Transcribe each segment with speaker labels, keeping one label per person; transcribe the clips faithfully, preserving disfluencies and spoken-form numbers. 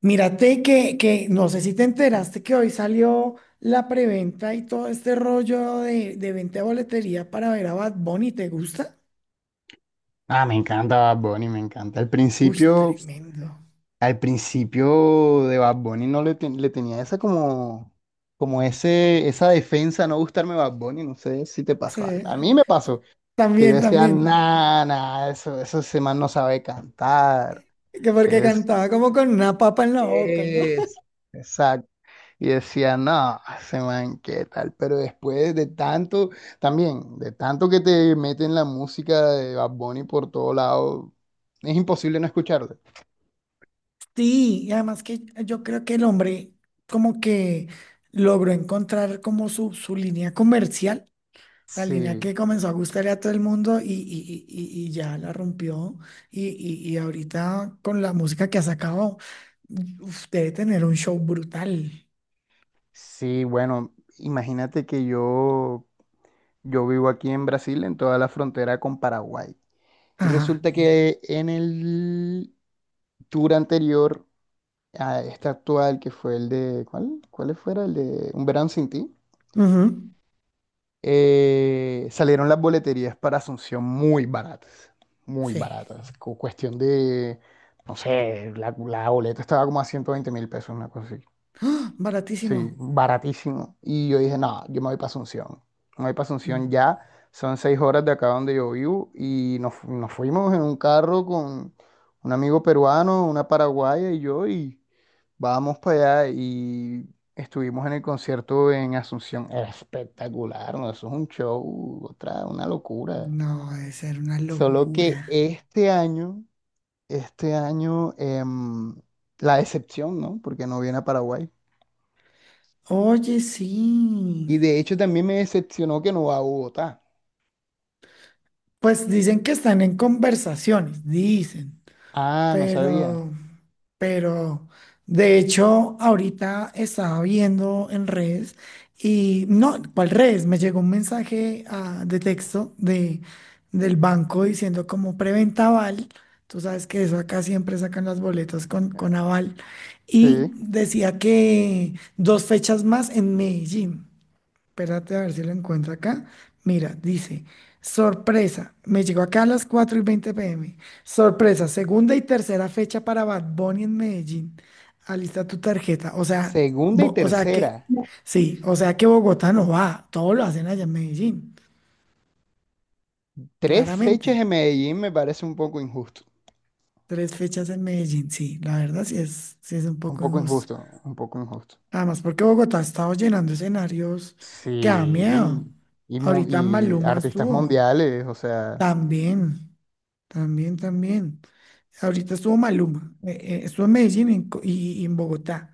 Speaker 1: Mírate que, que no sé si te enteraste que hoy salió la preventa y todo este rollo de, de venta de boletería para ver a Bad Bunny. ¿Te gusta?
Speaker 2: Ah, me encanta Bad Bunny, me encanta. Al
Speaker 1: Uy,
Speaker 2: principio,
Speaker 1: tremendo.
Speaker 2: al principio de Bad Bunny no le, ten- le tenía esa como, como ese, esa defensa, no gustarme Bad Bunny, no sé si te
Speaker 1: Sí,
Speaker 2: pasó. A, a mí me pasó, que yo
Speaker 1: también,
Speaker 2: decía,
Speaker 1: también.
Speaker 2: nah, nah, eso, eso ese man no sabe cantar,
Speaker 1: Que porque
Speaker 2: es.
Speaker 1: cantaba como con una papa en la boca, ¿no?
Speaker 2: Es, exacto. Y decía, no, ese man, ¿qué tal? Pero después de tanto, también, de tanto que te meten la música de Bad Bunny por todo lado, es imposible no escucharla.
Speaker 1: Sí, y además que yo creo que el hombre como que logró encontrar como su, su línea comercial. La línea
Speaker 2: Sí,
Speaker 1: que comenzó a gustarle a todo el mundo y, y- y- y y ya la rompió. Y, y- y ahorita con la música que ha sacado, uf, debe tener un show brutal.
Speaker 2: sí, bueno, imagínate que yo, yo vivo aquí en Brasil, en toda la frontera con Paraguay. Y
Speaker 1: Ajá.
Speaker 2: resulta que en el tour anterior a este actual, que fue el de, ¿cuál? ¿Cuál fuera? El de Un verano sin ti.
Speaker 1: Ujú,
Speaker 2: Eh, salieron las boleterías para Asunción muy baratas, muy
Speaker 1: sí.
Speaker 2: baratas. cu- Cuestión de, no sé, la, la boleta estaba como a ciento veinte mil pesos, una cosa así.
Speaker 1: ¡Ah! Baratísimo.
Speaker 2: Sí, baratísimo. Y yo dije, no, yo me voy para Asunción. Me voy para Asunción
Speaker 1: Mm,
Speaker 2: ya. Son seis horas de acá donde yo vivo y nos, fu- nos fuimos en un carro con un amigo peruano, una paraguaya y yo y... Vamos para allá y estuvimos en el concierto en Asunción. Era espectacular, ¿no? Eso es un show, otra, una locura.
Speaker 1: no, debe ser una
Speaker 2: Solo que
Speaker 1: locura.
Speaker 2: este año, este año, em, la decepción, ¿no? Porque no viene a Paraguay.
Speaker 1: Oye, sí.
Speaker 2: Y de hecho también me decepcionó que no va a Bogotá.
Speaker 1: Pues dicen que están en conversaciones, dicen.
Speaker 2: Ah, no sabía.
Speaker 1: Pero, pero, de hecho, ahorita estaba viendo en redes y no, ¿cuál redes? Me llegó un mensaje ah, de texto de, del banco diciendo como preventa aval. Tú sabes que eso acá siempre sacan las boletas con, con aval. Y
Speaker 2: Sí.
Speaker 1: decía que dos fechas más en Medellín. Espérate a ver si lo encuentro acá. Mira, dice, sorpresa, me llegó acá a las cuatro y veinte p m. Sorpresa, segunda y tercera fecha para Bad Bunny en Medellín. Alista tu tarjeta. O sea,
Speaker 2: Segunda y
Speaker 1: Bo- o sea que,
Speaker 2: tercera.
Speaker 1: sí, o sea que Bogotá no va, todo lo hacen allá en Medellín,
Speaker 2: Tres fechas
Speaker 1: claramente.
Speaker 2: en Medellín me parece un poco injusto.
Speaker 1: Tres fechas en Medellín, sí, la verdad sí es, sí es un
Speaker 2: Un
Speaker 1: poco
Speaker 2: poco
Speaker 1: injusto.
Speaker 2: injusto, un poco injusto.
Speaker 1: Además, porque Bogotá ha estado llenando escenarios que da miedo.
Speaker 2: Sí, y, mu-
Speaker 1: Ahorita
Speaker 2: y
Speaker 1: Maluma
Speaker 2: artistas
Speaker 1: estuvo
Speaker 2: mundiales, o sea,
Speaker 1: también. También, también. Ahorita estuvo Maluma, eh, eh, estuvo en Medellín en Co- y, y en Bogotá.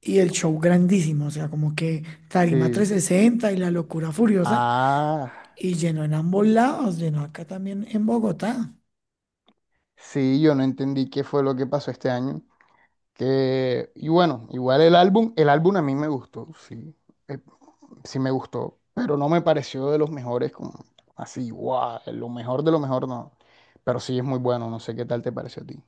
Speaker 1: Y el show grandísimo, o sea, como que tarima
Speaker 2: sí.
Speaker 1: trescientos sesenta y la locura furiosa.
Speaker 2: Ah,
Speaker 1: Y llenó en ambos lados, llenó acá también en Bogotá.
Speaker 2: sí, yo no entendí qué fue lo que pasó este año. Que, y bueno, igual el álbum, el álbum a mí me gustó, sí, eh, sí me gustó, pero no me pareció de los mejores, como así, guau, lo mejor de lo mejor no. Pero sí es muy bueno, no sé qué tal te pareció a ti.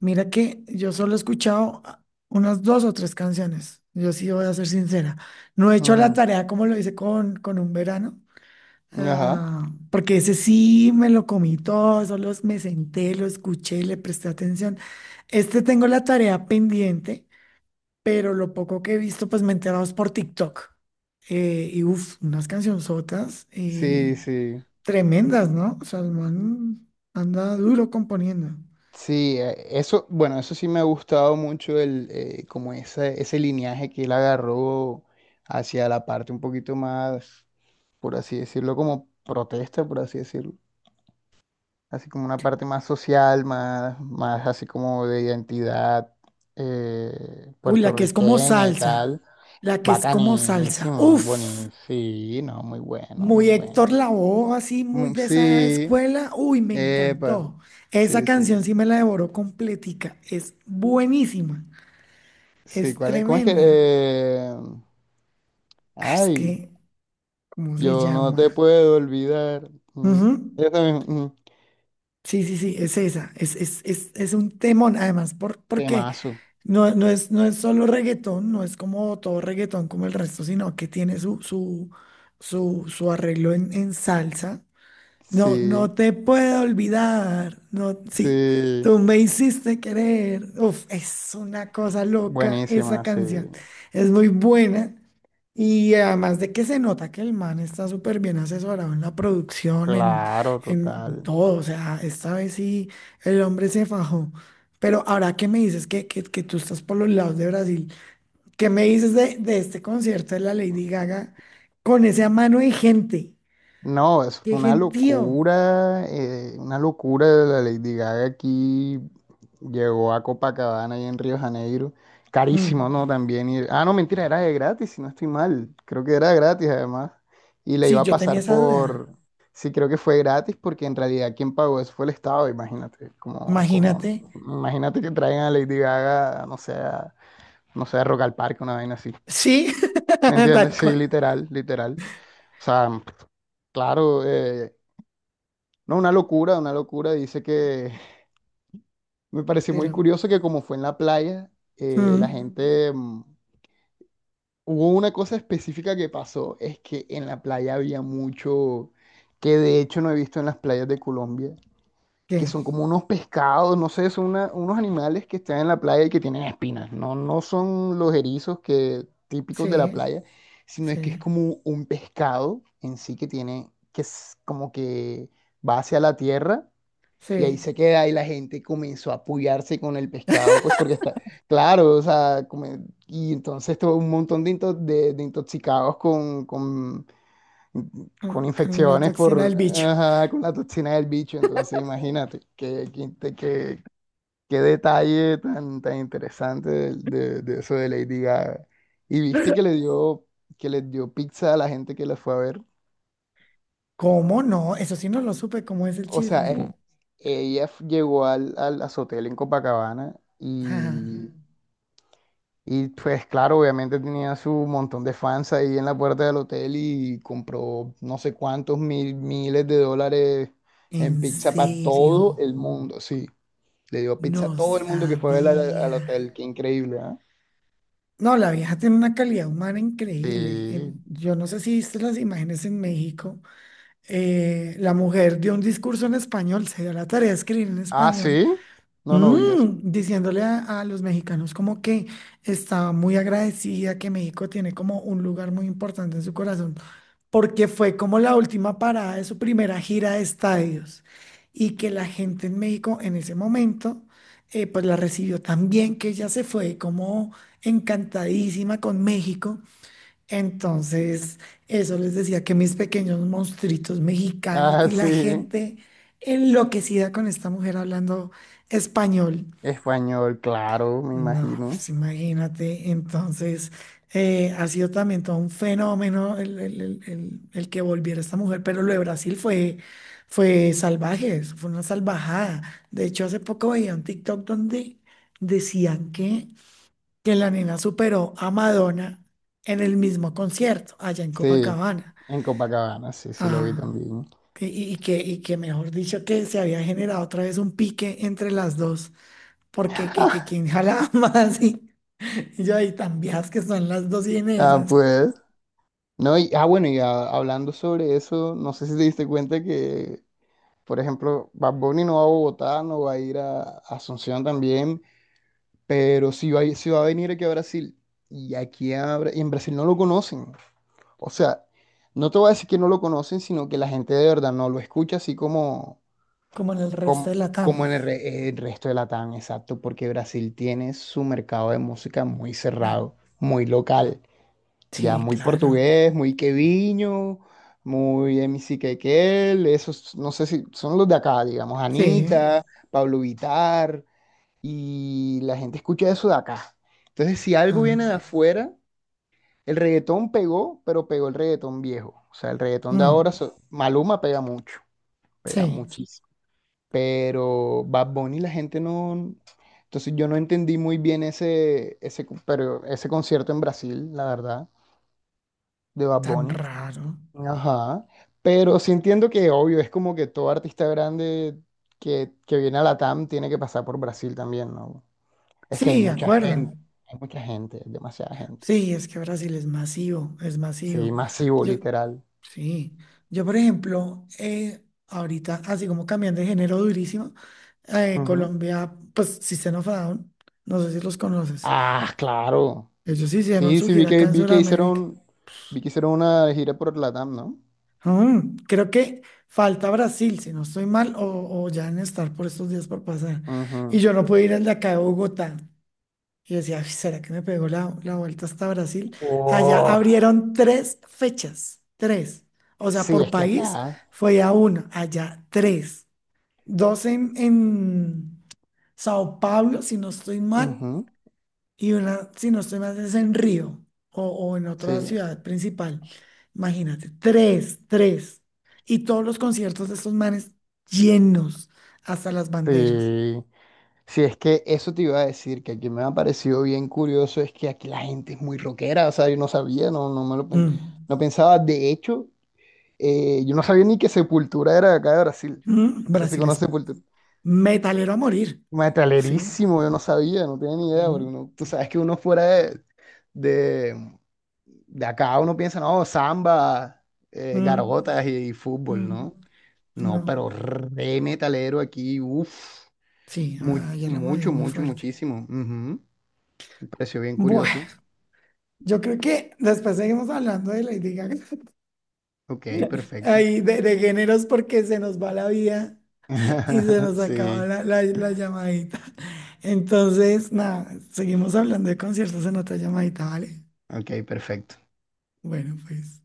Speaker 1: Mira que yo solo he escuchado ah, unas dos o tres canciones. Yo sí voy a ser sincera. No he hecho la tarea como lo hice con, con un verano.
Speaker 2: Ujú, ajá,
Speaker 1: Ah, porque ese sí me lo comí todo, solo me senté, lo escuché, le presté atención. Este tengo la tarea pendiente, pero lo poco que he visto, pues me he enterado es por TikTok. Eh, y uff, unas cancionzotas
Speaker 2: sí,
Speaker 1: eh,
Speaker 2: sí.
Speaker 1: tremendas, ¿no? O sea, el man anda duro componiendo.
Speaker 2: Sí, eh, eso, bueno, eso sí me ha gustado mucho el, eh, como ese, ese lineaje que él agarró hacia la parte un poquito más, por así decirlo, como protesta, por así decirlo, así como una parte más social, más, más así como de identidad eh,
Speaker 1: Uy, la que es como
Speaker 2: puertorriqueña y
Speaker 1: salsa,
Speaker 2: tal.
Speaker 1: la que es como salsa.
Speaker 2: Bacanísimo,
Speaker 1: Uff.
Speaker 2: bonito, sí, no, muy bueno, muy
Speaker 1: Muy Héctor
Speaker 2: bueno.
Speaker 1: Lavoe, así muy
Speaker 2: Mm,
Speaker 1: de esa
Speaker 2: sí,
Speaker 1: escuela. Uy, me
Speaker 2: epa,
Speaker 1: encantó. Esa
Speaker 2: sí, sí,
Speaker 1: canción sí me la devoró completica. Es buenísima.
Speaker 2: sí,
Speaker 1: Es
Speaker 2: ¿cuál es? ¿Cómo es que...?
Speaker 1: tremenda.
Speaker 2: eh,
Speaker 1: Ah, es
Speaker 2: Ay,
Speaker 1: que, ¿cómo se
Speaker 2: yo no te
Speaker 1: llama?
Speaker 2: puedo olvidar. Mm,
Speaker 1: Ujú.
Speaker 2: esa misma, mm,
Speaker 1: Sí, sí, sí, es esa. Es, es, es, es un temón, además, por, porque
Speaker 2: temazo.
Speaker 1: no, no es, no es solo reggaetón, no es como todo reggaetón como el resto, sino que tiene su, su, su, su, arreglo en, en salsa. No, no
Speaker 2: Sí,
Speaker 1: te puedo olvidar. No, sí,
Speaker 2: sí.
Speaker 1: tú me hiciste querer. Uf, es una cosa loca esa
Speaker 2: Buenísima, sí.
Speaker 1: canción. Es muy buena. Y además de que se nota que el man está súper bien asesorado en la producción, en,
Speaker 2: Claro,
Speaker 1: en
Speaker 2: total.
Speaker 1: todo. O sea, esta vez sí el hombre se fajó. Pero ahora que me dices que, que, que tú estás por los lados de Brasil, ¿qué me dices de, de este concierto de la Lady Gaga con esa mano de gente?
Speaker 2: No, es
Speaker 1: ¡Qué
Speaker 2: una
Speaker 1: gentío!
Speaker 2: locura, eh, una locura de la Lady Gaga aquí. Llegó a Copacabana y en Río de Janeiro. Carísimo,
Speaker 1: Mm.
Speaker 2: ¿no? También ir- Ah, no, mentira, era de gratis, si no estoy mal. Creo que era gratis además. Y le
Speaker 1: Sí,
Speaker 2: iba a
Speaker 1: yo tenía
Speaker 2: pasar
Speaker 1: esa
Speaker 2: por...
Speaker 1: duda.
Speaker 2: Sí, creo que fue gratis porque en realidad quien pagó eso fue el Estado, imagínate. Como, como...
Speaker 1: Imagínate.
Speaker 2: Imagínate que traigan a Lady Gaga, no sé, a- no sé, a Rock al Parque, una vaina así.
Speaker 1: Sí,
Speaker 2: ¿Me entiendes?
Speaker 1: tal
Speaker 2: Sí,
Speaker 1: cual.
Speaker 2: literal, literal. O sea, claro, eh, no, una locura, una locura. Dice que me pareció
Speaker 1: Pero,
Speaker 2: muy curioso que como fue en la playa, eh, la
Speaker 1: mm,
Speaker 2: gente... mm, hubo una cosa específica que pasó, es que en la playa había mucho, que de hecho no he visto en las playas de Colombia, que
Speaker 1: ¿qué?
Speaker 2: son como unos pescados, no sé, son una- unos animales que están en la playa y que tienen espinas. No, no son los erizos que, típicos de la
Speaker 1: Sí,
Speaker 2: playa, sino es que es
Speaker 1: sí,
Speaker 2: como un pescado en sí que tiene, que es como que va hacia la tierra. Y ahí
Speaker 1: sí.
Speaker 2: se queda y la gente comenzó a apoyarse con el pescado, pues porque está, claro, o sea, come- y entonces tuvo un montón de, into- de, de intoxicados con, con, con
Speaker 1: Mm, con la
Speaker 2: infecciones
Speaker 1: toxina
Speaker 2: por,
Speaker 1: del bicho.
Speaker 2: ajá, con la toxina del bicho, entonces imagínate, qué, qué, inte- qué- qué detalle tan, tan interesante de, de- de eso de Lady Gaga. Y viste que le dio, que le dio pizza a la gente que la fue a ver.
Speaker 1: ¿Cómo no? Eso sí no lo supe. ¿Cómo es el
Speaker 2: O sea,
Speaker 1: chisme?
Speaker 2: eh, ella f- llegó al, al, a su hotel en Copacabana
Speaker 1: Ajá.
Speaker 2: y, y pues claro, obviamente tenía su montón de fans ahí en la puerta del hotel y compró no sé cuántos mil, miles de dólares en
Speaker 1: En
Speaker 2: pizza para todo
Speaker 1: serio.
Speaker 2: el mundo, sí. Le dio pizza a
Speaker 1: No
Speaker 2: todo el mundo que fue a ver al, al
Speaker 1: sabía.
Speaker 2: hotel, qué increíble, ¿ah?
Speaker 1: No, la vieja tiene una calidad humana increíble. En-
Speaker 2: Sí.
Speaker 1: Yo no sé si viste las imágenes en México. Eh, la mujer dio un discurso en español, se dio la tarea de escribir en
Speaker 2: Ah, sí.
Speaker 1: español.
Speaker 2: No, no vi eso.
Speaker 1: Mm, diciéndole a, a los mexicanos como que estaba muy agradecida, que México tiene como un lugar muy importante en su corazón, porque fue como la última parada de su primera gira de estadios y que la gente en México en ese momento eh, pues la recibió tan bien que ella se fue como encantadísima con México. Entonces, eso les decía que mis pequeños monstruitos mexicanos
Speaker 2: Ah,
Speaker 1: y la
Speaker 2: sí.
Speaker 1: gente enloquecida con esta mujer hablando español.
Speaker 2: Español, claro, me
Speaker 1: No,
Speaker 2: imagino.
Speaker 1: pues imagínate. Entonces, eh, ha sido también todo un fenómeno el, el- el- el- el que volviera esta mujer, pero lo de Brasil fue, fue salvaje, eso fue una salvajada. De hecho, hace poco veía un TikTok donde decían que que la nena superó a Madonna en el mismo concierto, allá en
Speaker 2: Sí,
Speaker 1: Copacabana.
Speaker 2: en Copacabana, sí, sí lo vi
Speaker 1: Ajá.
Speaker 2: también.
Speaker 1: Y, y- y que, y que mejor dicho, que se había generado otra vez un pique entre las dos, porque que, que quién jalaba más y, y yo ahí tan viejas que son las dos
Speaker 2: Ah,
Speaker 1: Inesas,
Speaker 2: pues. No, y, ah, bueno, y ah, hablando sobre eso, no sé si te diste cuenta que, por ejemplo, Bad Bunny no va a Bogotá, no va a ir a, a Asunción también, pero sí va, a ir- sí va a venir aquí a Brasil. Y aquí a Bra- y en Brasil no lo conocen. O sea, no te voy a decir que no lo conocen, sino que la gente de verdad no lo escucha así como,
Speaker 1: como en el resto
Speaker 2: como,
Speaker 1: de la T A M.
Speaker 2: como en el, re- el resto de Latam, exacto, porque Brasil tiene su mercado de música muy cerrado, muy local. Ya
Speaker 1: Sí,
Speaker 2: muy
Speaker 1: claro.
Speaker 2: portugués, muy queviño, muy M C Quequel, esos, no sé si son los de acá, digamos,
Speaker 1: Sí.
Speaker 2: Anita, Pablo Vitar, y la gente escucha eso de acá. Entonces, si algo viene de
Speaker 1: Ah,
Speaker 2: afuera, el reggaetón pegó, pero pegó el reggaetón viejo. O sea, el reggaetón de ahora,
Speaker 1: mm,
Speaker 2: so- Maluma pega mucho, pega
Speaker 1: sí,
Speaker 2: muchísimo. Pero Bad Bunny la gente no... Entonces yo no entendí muy bien ese, ese, pero ese concierto en Brasil, la verdad, de Bad
Speaker 1: tan
Speaker 2: Bunny.
Speaker 1: raro.
Speaker 2: Ajá, pero sí entiendo que obvio, es como que todo artista grande que, que viene a la Latam tiene que pasar por Brasil también, ¿no? Es que hay
Speaker 1: Sí, de
Speaker 2: mucha
Speaker 1: acuerdo.
Speaker 2: gente, hay mucha gente, demasiada gente.
Speaker 1: Sí, es que Brasil es masivo, es
Speaker 2: Sí,
Speaker 1: masivo.
Speaker 2: masivo,
Speaker 1: Yo,
Speaker 2: literal.
Speaker 1: sí, yo por ejemplo, eh, ahorita así como cambiando de género durísimo, eh,
Speaker 2: Ujú.
Speaker 1: Colombia, pues System of a Down, no sé si los conoces,
Speaker 2: Ah, claro.
Speaker 1: ellos hicieron
Speaker 2: Sí,
Speaker 1: su
Speaker 2: sí, vi
Speaker 1: gira
Speaker 2: que,
Speaker 1: acá en
Speaker 2: vi que
Speaker 1: Sudamérica.
Speaker 2: hicieron, vi que hicieron una gira por la Latam, ¿no?
Speaker 1: Ah, creo que falta Brasil, si no estoy mal, o, o ya en estar por estos días por pasar. Y
Speaker 2: Ujú.
Speaker 1: yo no pude ir al de acá de Bogotá. Y decía, "Ay, ¿será que me pegó la, la vuelta hasta Brasil? Allá
Speaker 2: Oh,
Speaker 1: abrieron tres fechas, tres. O sea,
Speaker 2: sí,
Speaker 1: por
Speaker 2: es que
Speaker 1: país
Speaker 2: acá.
Speaker 1: fue a una, allá tres. Dos en, en Sao Paulo, si no estoy mal,
Speaker 2: Ujú,
Speaker 1: y una, si no estoy mal, es en Río o, o en otra
Speaker 2: sí,
Speaker 1: ciudad principal. Imagínate, tres, tres. Y todos los conciertos de estos manes llenos hasta las banderas.
Speaker 2: sí. Si es que eso te iba a decir, que aquí me ha parecido bien curioso, es que aquí la gente es muy rockera, o sea, yo no sabía, no, no me lo pen-
Speaker 1: Mm.
Speaker 2: no pensaba, de hecho, eh, yo no sabía ni que Sepultura era de acá de Brasil,
Speaker 1: Mm.
Speaker 2: no sé si
Speaker 1: Brasil es
Speaker 2: conoces Sepultura,
Speaker 1: metalero a morir, ¿sí?
Speaker 2: metalerísimo, yo no sabía, no tenía ni idea,
Speaker 1: Mm.
Speaker 2: porque uno- tú sabes que uno fuera de, de, de acá, uno piensa, no, samba, eh,
Speaker 1: Mm.
Speaker 2: gargotas y, y fútbol, ¿no?
Speaker 1: Mm.
Speaker 2: No,
Speaker 1: No,
Speaker 2: pero re metalero aquí, uff,
Speaker 1: sí, ah, ya la moví
Speaker 2: mucho,
Speaker 1: muy
Speaker 2: mucho,
Speaker 1: fuerte.
Speaker 2: muchísimo. Ujú. Un precio bien curioso.
Speaker 1: Bueno, yo creo que después seguimos hablando de Lady Gaga.
Speaker 2: Ok, perfecto.
Speaker 1: Ahí de, de géneros porque se nos va la vida y se nos acaba
Speaker 2: Sí,
Speaker 1: la, la- la llamadita. Entonces, nada, seguimos hablando de conciertos en otra llamadita, ¿vale?
Speaker 2: ok, perfecto.
Speaker 1: Bueno, pues.